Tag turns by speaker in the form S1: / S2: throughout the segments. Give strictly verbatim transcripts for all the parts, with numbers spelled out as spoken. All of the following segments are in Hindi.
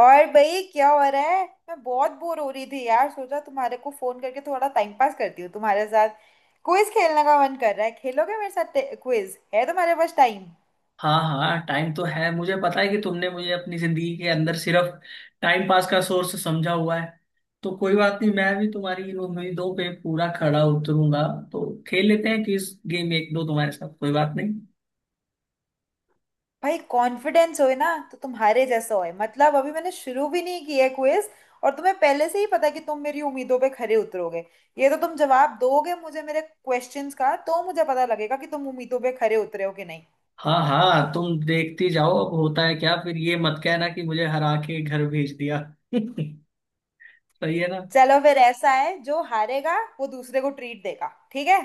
S1: और भाई क्या हो रहा है। मैं बहुत बोर हो रही थी यार, सोचा तुम्हारे को फोन करके थोड़ा टाइम पास करती हूँ तुम्हारे साथ। क्विज खेलने का मन कर रहा है, खेलोगे मेरे साथ क्विज? है तुम्हारे पास टाइम?
S2: हाँ हाँ, टाइम तो है। मुझे पता है कि तुमने मुझे अपनी जिंदगी के अंदर सिर्फ टाइम पास का सोर्स समझा हुआ है। तो कोई बात नहीं, मैं भी तुम्हारी इन उम्मीदों पे पूरा खरा उतरूंगा। तो खेल लेते हैं किस गेम, एक दो तुम्हारे साथ, कोई बात नहीं।
S1: भाई कॉन्फिडेंस होए ना तो तुम्हारे जैसा होए। मतलब अभी मैंने शुरू भी नहीं किया है क्विज और तुम्हें पहले से ही पता है कि तुम मेरी उम्मीदों पे खरे उतरोगे। ये तो तुम जवाब दोगे मुझे मेरे क्वेश्चंस का, तो मुझे पता लगेगा कि तुम उम्मीदों पे खरे उतरे हो कि नहीं।
S2: हाँ हाँ, तुम देखती जाओ अब होता है क्या। फिर ये मत कहना कि मुझे हरा के घर भेज दिया। सही है ना।
S1: चलो फिर ऐसा है, जो हारेगा वो दूसरे को ट्रीट देगा, ठीक है?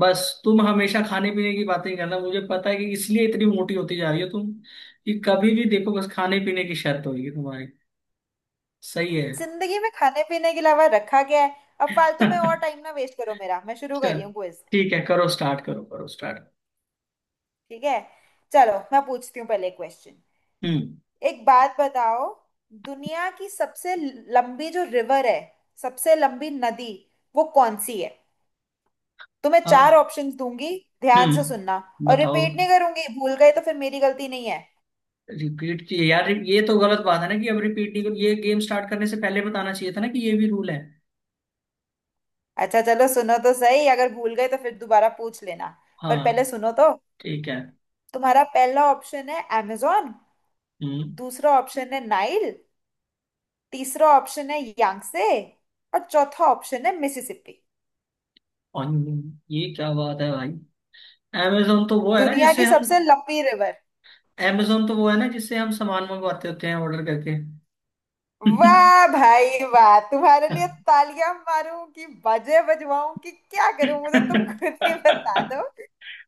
S2: बस तुम हमेशा खाने पीने की बातें करना। मुझे पता है कि इसलिए इतनी मोटी होती जा रही हो तुम, कि कभी भी देखो बस खाने पीने की शर्त होगी तुम्हारी। सही है।
S1: जिंदगी में खाने पीने के अलावा रखा क्या है? अब फालतू में और टाइम ना वेस्ट करो मेरा, मैं शुरू कर
S2: चल।
S1: रही हूँ क्विज।
S2: ठीक है, करो स्टार्ट, करो करो स्टार्ट।
S1: ठीक है। चलो मैं पूछती हूँ पहले क्वेश्चन।
S2: हम्म,
S1: एक बात बताओ, दुनिया की सबसे लंबी जो रिवर है, सबसे लंबी नदी, वो कौन सी है? तो मैं चार
S2: आ,
S1: ऑप्शंस दूंगी, ध्यान से सुनना
S2: हम्म,
S1: और
S2: बताओ।
S1: रिपीट नहीं करूंगी, भूल गए तो फिर मेरी गलती नहीं है।
S2: रिपीट किए यार, ये तो गलत बात है ना कि अब रिपीट नहीं करो। ये गेम स्टार्ट करने से पहले बताना चाहिए था ना कि ये भी रूल है।
S1: अच्छा चलो सुनो तो सही, अगर भूल गए तो फिर दोबारा पूछ लेना, पर पहले
S2: हाँ,
S1: सुनो तो।
S2: ठीक है।
S1: तुम्हारा पहला ऑप्शन है अमेजोन।
S2: हम्म।
S1: दूसरा ऑप्शन है नाइल। तीसरा ऑप्शन है यांगसे। और चौथा ऑप्शन है मिसिसिपी।
S2: और ये क्या बात है भाई। अमेजोन तो वो है ना
S1: दुनिया
S2: जिससे
S1: की
S2: हम
S1: सबसे लंबी रिवर।
S2: अमेजोन तो वो है ना जिससे हम सामान मंगवाते होते हैं ऑर्डर करके।
S1: वाह भाई वाह, तुम्हारे लिए तालियां मारूं कि बाजे बजवाऊं कि क्या करूं, मुझे तुम खुद ही बता दो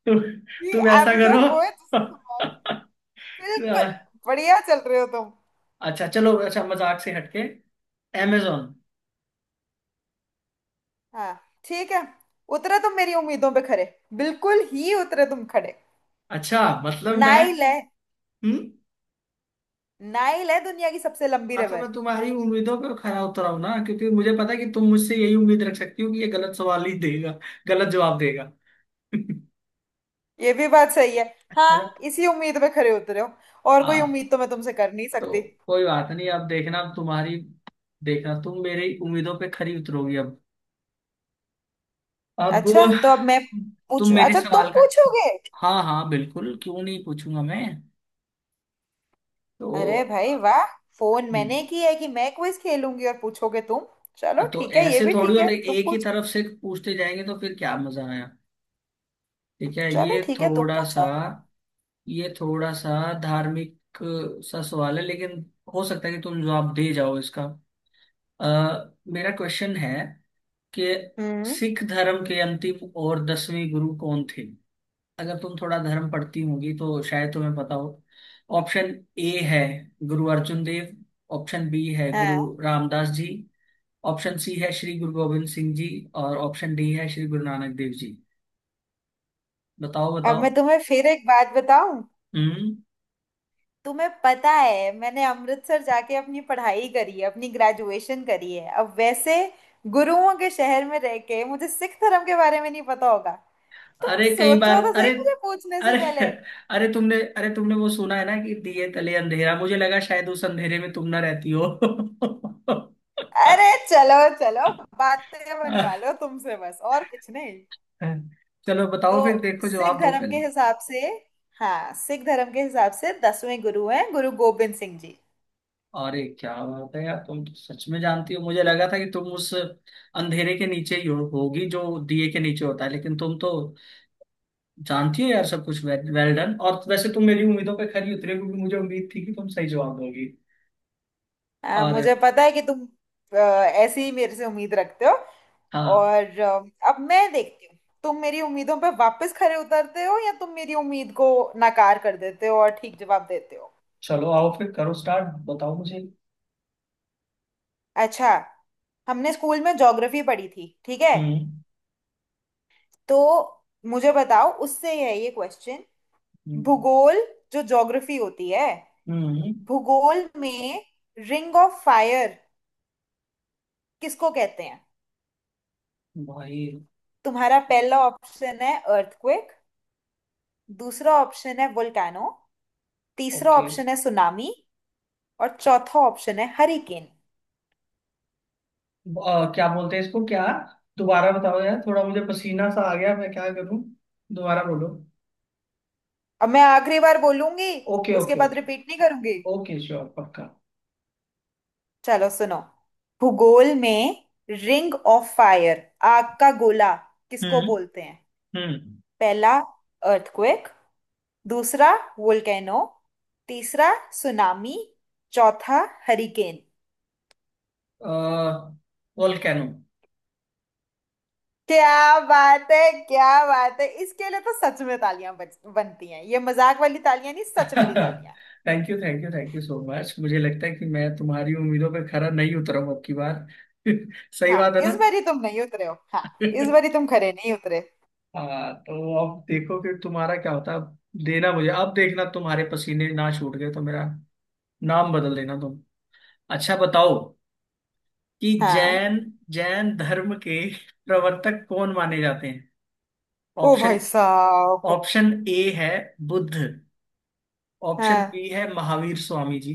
S2: तु,
S1: कि।
S2: तुम ऐसा करो।
S1: अमेजोन वो है जिससे सामान। बिल्कुल। बढ़िया चल रहे हो तुम।
S2: अच्छा चलो, अच्छा मजाक से हटके, amazon।
S1: हाँ। ठीक है। उतरे तुम मेरी उम्मीदों पे खरे, बिल्कुल ही उतरे तुम खड़े।
S2: अच्छा, मतलब मैं
S1: नाइल है।
S2: हम्म
S1: नाइल है दुनिया की सबसे लंबी
S2: मतलब
S1: रिवर।
S2: मैं तुम्हारी उम्मीदों पे खरा उतरा हूं ना, क्योंकि मुझे पता है कि तुम मुझसे यही उम्मीद रख सकती हो कि ये गलत सवाल ही देगा, गलत जवाब देगा।
S1: ये भी बात सही है।
S2: है ना।
S1: हाँ, इसी उम्मीद पे खरे उतरे हो। और कोई
S2: हाँ।
S1: उम्मीद तो मैं तुमसे कर नहीं
S2: तो
S1: सकती।
S2: कोई बात नहीं, अब देखना, अब तुम्हारी देखना तुम मेरी उम्मीदों पे खरी उतरोगी अब अब
S1: अच्छा तो अब मैं
S2: तुम
S1: पूछू?
S2: मेरे
S1: अच्छा तुम
S2: सवाल का।
S1: पूछोगे?
S2: हाँ हाँ, बिल्कुल, क्यों नहीं पूछूंगा मैं।
S1: अरे
S2: तो।
S1: भाई वाह, फोन मैंने
S2: हम्म,
S1: की है कि मैं क्विज खेलूंगी और पूछोगे तुम? चलो
S2: हाँ, तो
S1: ठीक है, ये
S2: ऐसे
S1: भी
S2: थोड़ी
S1: ठीक
S2: होता
S1: है,
S2: है,
S1: तुम
S2: एक ही
S1: पूछ।
S2: तरफ से पूछते जाएंगे तो फिर क्या मजा आया। ठीक है,
S1: चलो
S2: ये
S1: ठीक है, तुम
S2: थोड़ा सा,
S1: पूछो।
S2: ये थोड़ा सा धार्मिक सा सवाल है, लेकिन हो सकता है कि तुम जवाब दे जाओ इसका। अ, मेरा क्वेश्चन है कि
S1: हम्म।
S2: सिख धर्म के अंतिम और दसवीं गुरु कौन थे। अगर तुम थोड़ा धर्म पढ़ती होगी तो शायद तुम्हें पता हो। ऑप्शन ए है गुरु अर्जुन देव। ऑप्शन बी है गुरु
S1: हाँ।
S2: रामदास जी। ऑप्शन सी है श्री गुरु गोविंद सिंह जी। और ऑप्शन डी है श्री गुरु नानक देव जी। बताओ
S1: अब
S2: बताओ।
S1: मैं तुम्हें फिर एक बात बताऊं।
S2: हम्म।
S1: तुम्हें पता है मैंने अमृतसर जाके अपनी पढ़ाई करी है, अपनी ग्रेजुएशन करी है। अब वैसे गुरुओं के शहर में रह के मुझे सिख धर्म के बारे में नहीं पता होगा? तुम
S2: अरे कई बार,
S1: सोचो तो
S2: अरे
S1: सही मुझे पूछने से
S2: अरे
S1: पहले।
S2: अरे तुमने अरे तुमने वो सुना है ना कि दिए तले अंधेरा। मुझे लगा शायद उस अंधेरे में तुम ना रहती हो।
S1: अरे चलो चलो, बातें बनवा लो तुमसे बस और कुछ नहीं।
S2: चलो
S1: तो
S2: बताओ फिर, देखो
S1: सिख
S2: जवाब दो
S1: धर्म के
S2: पहले।
S1: हिसाब से, हाँ, सिख धर्म के हिसाब से दसवें गुरु हैं गुरु गोबिंद सिंह जी।
S2: अरे क्या बात है यार, तुम तो सच में जानती हो। मुझे लगा था कि तुम उस अंधेरे के नीचे ही हो, होगी जो दिए के नीचे होता है, लेकिन तुम तो जानती हो यार सब कुछ। Well, well done. और वैसे तुम मेरी उम्मीदों पे खरी उतरे क्योंकि मुझे उम्मीद थी कि तुम सही जवाब दोगी।
S1: हाँ, मुझे
S2: और।
S1: पता है कि तुम अ, ऐसे ही मेरे से उम्मीद रखते हो।
S2: हाँ।
S1: और अ, अब मैं देखती हूँ तुम मेरी उम्मीदों पर वापस खरे उतरते हो या तुम मेरी उम्मीद को नाकार कर देते हो और ठीक जवाब देते हो।
S2: चलो आओ फिर, करो स्टार्ट, बताओ मुझे।
S1: अच्छा, हमने स्कूल में ज्योग्राफी पढ़ी थी, ठीक है?
S2: हम्म।
S1: तो मुझे बताओ, उससे है ये क्वेश्चन।
S2: हम्म।
S1: भूगोल, जो ज्योग्राफी होती है,
S2: हम्म।
S1: भूगोल में रिंग ऑफ फायर किसको कहते हैं?
S2: भाई।
S1: तुम्हारा पहला ऑप्शन है अर्थक्वेक। दूसरा ऑप्शन है वोल्केनो। तीसरा
S2: ओके।
S1: ऑप्शन है सुनामी। और चौथा ऑप्शन है हरिकेन।
S2: अ, क्या बोलते हैं इसको क्या, दोबारा बताओ यार, थोड़ा मुझे पसीना सा आ गया, मैं क्या करूं, दोबारा बोलो।
S1: अब मैं आखिरी बार बोलूंगी,
S2: ओके
S1: उसके
S2: ओके
S1: बाद
S2: ओके।
S1: रिपीट नहीं करूंगी।
S2: ओके, श्योर, पक्का।
S1: चलो सुनो। भूगोल में रिंग ऑफ फायर, आग का गोला, किसको
S2: हम्म।
S1: बोलते हैं?
S2: हम्म।
S1: पहला, अर्थक्वेक। दूसरा, वोल्केनो। तीसरा, सुनामी। चौथा, हरिकेन।
S2: वोल्केनो।
S1: क्या बात है। क्या बात है, इसके लिए तो सच में तालियां बज- बनती हैं, ये मजाक वाली तालियां नहीं, सच वाली तालियां।
S2: Thank you thank you thank you so much. मुझे लगता है कि मैं तुम्हारी उम्मीदों पर खरा नहीं उतरा हूं अब की बार। सही
S1: हाँ,
S2: बात है ना।
S1: इस बारी तुम नहीं उतरे हो, हाँ। इस बारी तुम खरे नहीं उतरे।
S2: हाँ, तो अब देखो फिर तुम्हारा क्या होता है अब। देना मुझे, अब देखना तुम्हारे पसीने ना छूट गए तो मेरा नाम बदल देना तुम। अच्छा बताओ कि जैन,
S1: हाँ।
S2: जैन धर्म के प्रवर्तक कौन माने जाते हैं।
S1: ओ
S2: ऑप्शन
S1: भाई साहब।
S2: ऑप्शन ए है बुद्ध। ऑप्शन
S1: हाँ।
S2: बी है महावीर स्वामी जी।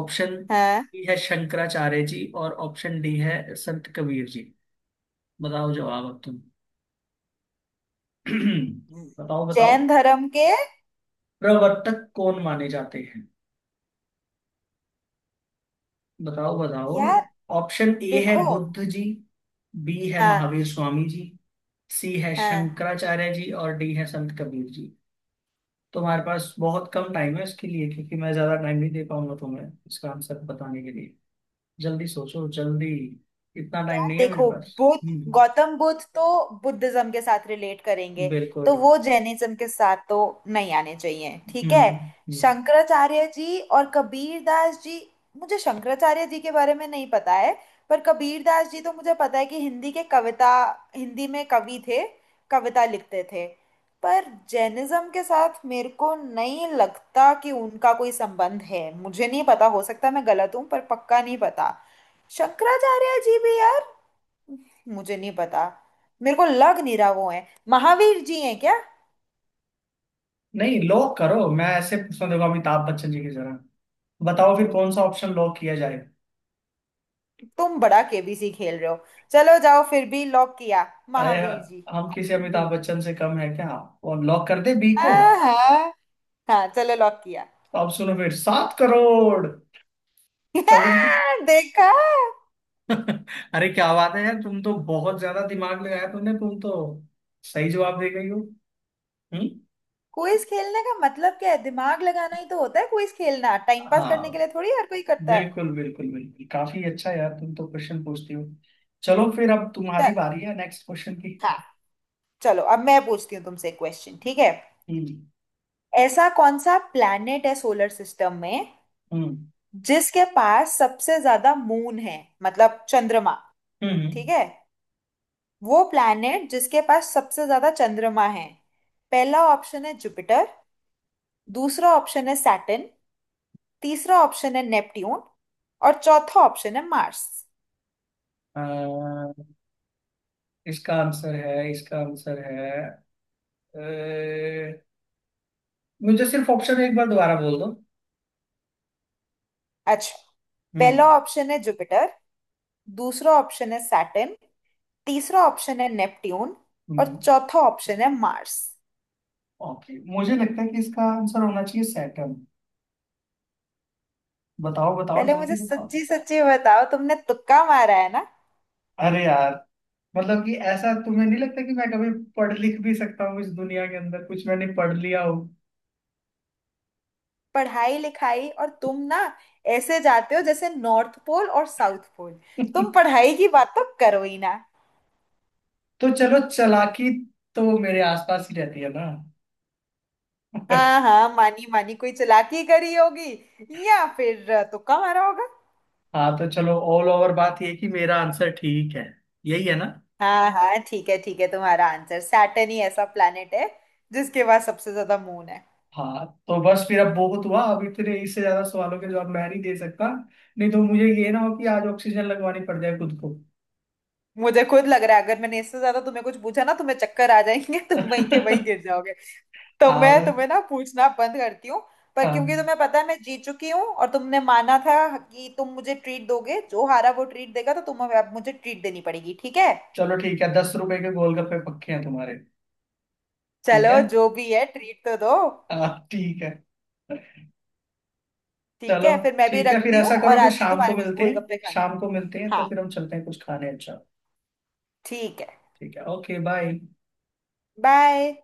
S2: ऑप्शन
S1: हाँ,
S2: बी है शंकराचार्य जी और ऑप्शन डी है संत कबीर जी। बताओ जवाब अब तुम। बताओ बताओ।
S1: जैन धर्म के।
S2: प्रवर्तक कौन माने जाते हैं, बताओ बताओ।
S1: यार
S2: ऑप्शन ए है
S1: देखो।
S2: बुद्ध जी। बी है
S1: हाँ।
S2: महावीर स्वामी जी। सी है
S1: हाँ।
S2: शंकराचार्य जी और डी है संत कबीर जी। तुम्हारे पास बहुत कम टाइम है इसके लिए, क्योंकि मैं ज्यादा टाइम नहीं दे पाऊंगा तुम्हें इसका आंसर बताने के लिए। जल्दी सोचो जल्दी। इतना टाइम नहीं है मेरे
S1: देखो,
S2: पास।
S1: बुद्ध,
S2: हम्म।
S1: गौतम बुद्ध तो बुद्धिज्म के साथ रिलेट करेंगे, तो
S2: बिल्कुल।
S1: वो जैनिज्म के साथ तो नहीं आने चाहिए, ठीक है?
S2: हम्म। हम्म।
S1: शंकराचार्य जी और कबीर दास जी, मुझे शंकराचार्य जी के बारे में नहीं पता है। पर कबीर दास जी तो मुझे पता है कि हिंदी के कविता, हिंदी में कवि थे, कविता लिखते थे। पर जैनिज्म के साथ मेरे को नहीं लगता कि उनका कोई संबंध है। मुझे नहीं पता, हो सकता मैं गलत हूँ, पर पक्का नहीं पता। शंकराचार्य जी भी यार, मुझे नहीं पता। मेरे को लग नहीं रहा वो है। महावीर जी हैं क्या?
S2: नहीं, लॉक करो, मैं ऐसे पूछना, देखो अमिताभ बच्चन जी की जरा। बताओ फिर कौन सा ऑप्शन लॉक किया जाए।
S1: तुम बड़ा केबीसी खेल रहे हो। चलो जाओ, फिर भी लॉक किया,
S2: अरे,
S1: महावीर जी,
S2: हम किसी
S1: ऑप्शन बी।
S2: अमिताभ बच्चन से कम है क्या। और लॉक कर दे बी को।
S1: हाँ हाँ, हाँ, चलो लॉक किया।
S2: तो अब सुनो फिर, सात करोड़ समझ गए।
S1: देखा।
S2: अरे क्या बात है यार, तुम तो बहुत ज्यादा दिमाग लगाया तुमने, तुम तो सही जवाब दे गई हो। हम्म।
S1: क्विज खेलने का मतलब क्या है, दिमाग लगाना ही तो होता है। क्विज खेलना टाइम पास करने के
S2: हाँ,
S1: लिए थोड़ी हर कोई करता है।
S2: बिल्कुल बिल्कुल बिल्कुल, काफी अच्छा यार तुम तो क्वेश्चन पूछती हो। चलो फिर, अब
S1: चल।
S2: तुम्हारी बारी है नेक्स्ट क्वेश्चन की।
S1: हाँ। चलो अब मैं पूछती हूँ तुमसे क्वेश्चन, ठीक है?
S2: हम्म।
S1: ऐसा कौन सा प्लैनेट है सोलर सिस्टम में
S2: हम्म।
S1: जिसके पास सबसे ज्यादा मून है, मतलब चंद्रमा,
S2: हम्म।
S1: ठीक
S2: हम्म।
S1: है? वो प्लैनेट जिसके पास सबसे ज्यादा चंद्रमा है। पहला ऑप्शन है जुपिटर। दूसरा ऑप्शन है सैटर्न। तीसरा ऑप्शन है नेपट्यून। और चौथा ऑप्शन है मार्स।
S2: अ, इसका आंसर है, इसका आंसर है। अ, मुझे सिर्फ ऑप्शन एक बार दोबारा बोल दो।
S1: अच्छा। पहला
S2: हम्म।
S1: ऑप्शन है जुपिटर। दूसरा ऑप्शन है सैटर्न। तीसरा ऑप्शन है नेपट्यून। और
S2: हम्म।
S1: चौथा ऑप्शन है मार्स।
S2: ओके, मुझे लगता है कि इसका आंसर होना चाहिए सैटर्न। बताओ बताओ,
S1: पहले मुझे
S2: जल्दी बताओ।
S1: सच्ची सच्ची बताओ, तुमने तुक्का मारा है?
S2: अरे यार, मतलब कि ऐसा तुम्हें नहीं लगता कि मैं कभी पढ़ लिख भी सकता हूँ इस दुनिया के अंदर कुछ मैंने पढ़ लिया हो।
S1: पढ़ाई लिखाई और तुम ना ऐसे जाते हो जैसे नॉर्थ पोल और साउथ पोल। तुम पढ़ाई की बात तो करो ही ना।
S2: तो चलो, चालाकी तो मेरे आसपास ही रहती है ना।
S1: हाँ हाँ, मानी मानी, कोई चालाकी करी होगी या फिर अ, तुक्का मारा होगा।
S2: हाँ तो चलो, ऑल ओवर बात ये कि मेरा आंसर ठीक है, यही है ना।
S1: हाँ हाँ, ठीक है ठीक है, तुम्हारा आंसर सैटर्न ही ऐसा प्लैनेट है जिसके पास सबसे ज्यादा मून है।
S2: हाँ तो बस फिर, अब बहुत हुआ, अब इतने इससे ज्यादा सवालों के जवाब मैं नहीं दे सकता। नहीं तो मुझे ये ना हो कि आज ऑक्सीजन लगवानी पड़ जाए खुद को।
S1: मुझे खुद लग रहा है अगर मैंने इससे ज्यादा तुम्हें कुछ पूछा ना, तुम्हें चक्कर आ जाएंगे। तुम वहीं के वहीं गिर जाओगे। तो
S2: हाँ
S1: मैं
S2: मैं-
S1: तुम्हें ना पूछना बंद करती हूँ। पर क्योंकि
S2: हाँ,
S1: तुम्हें पता है मैं जीत चुकी हूँ, और तुमने माना था कि तुम मुझे ट्रीट दोगे, जो हारा वो ट्रीट देगा, तो तुम्हें अब मुझे ट्रीट देनी पड़ेगी, ठीक है?
S2: चलो ठीक है, दस रुपए के गोलगप्पे पक्के हैं तुम्हारे। ठीक है।
S1: चलो जो भी है, ट्रीट तो दो।
S2: हाँ, ठीक है।
S1: ठीक
S2: चलो।
S1: है फिर, मैं भी
S2: ठीक है, फिर
S1: रखती हूँ
S2: ऐसा करो,
S1: और
S2: फिर
S1: आती हूँ
S2: शाम को
S1: तुम्हारे पास
S2: मिलते हैं।
S1: गोलगप्पे खाने।
S2: शाम को मिलते हैं तो
S1: हाँ।
S2: फिर हम चलते हैं कुछ खाने, अच्छा।
S1: ठीक है।
S2: ठीक है, ओके बाय।
S1: बाय।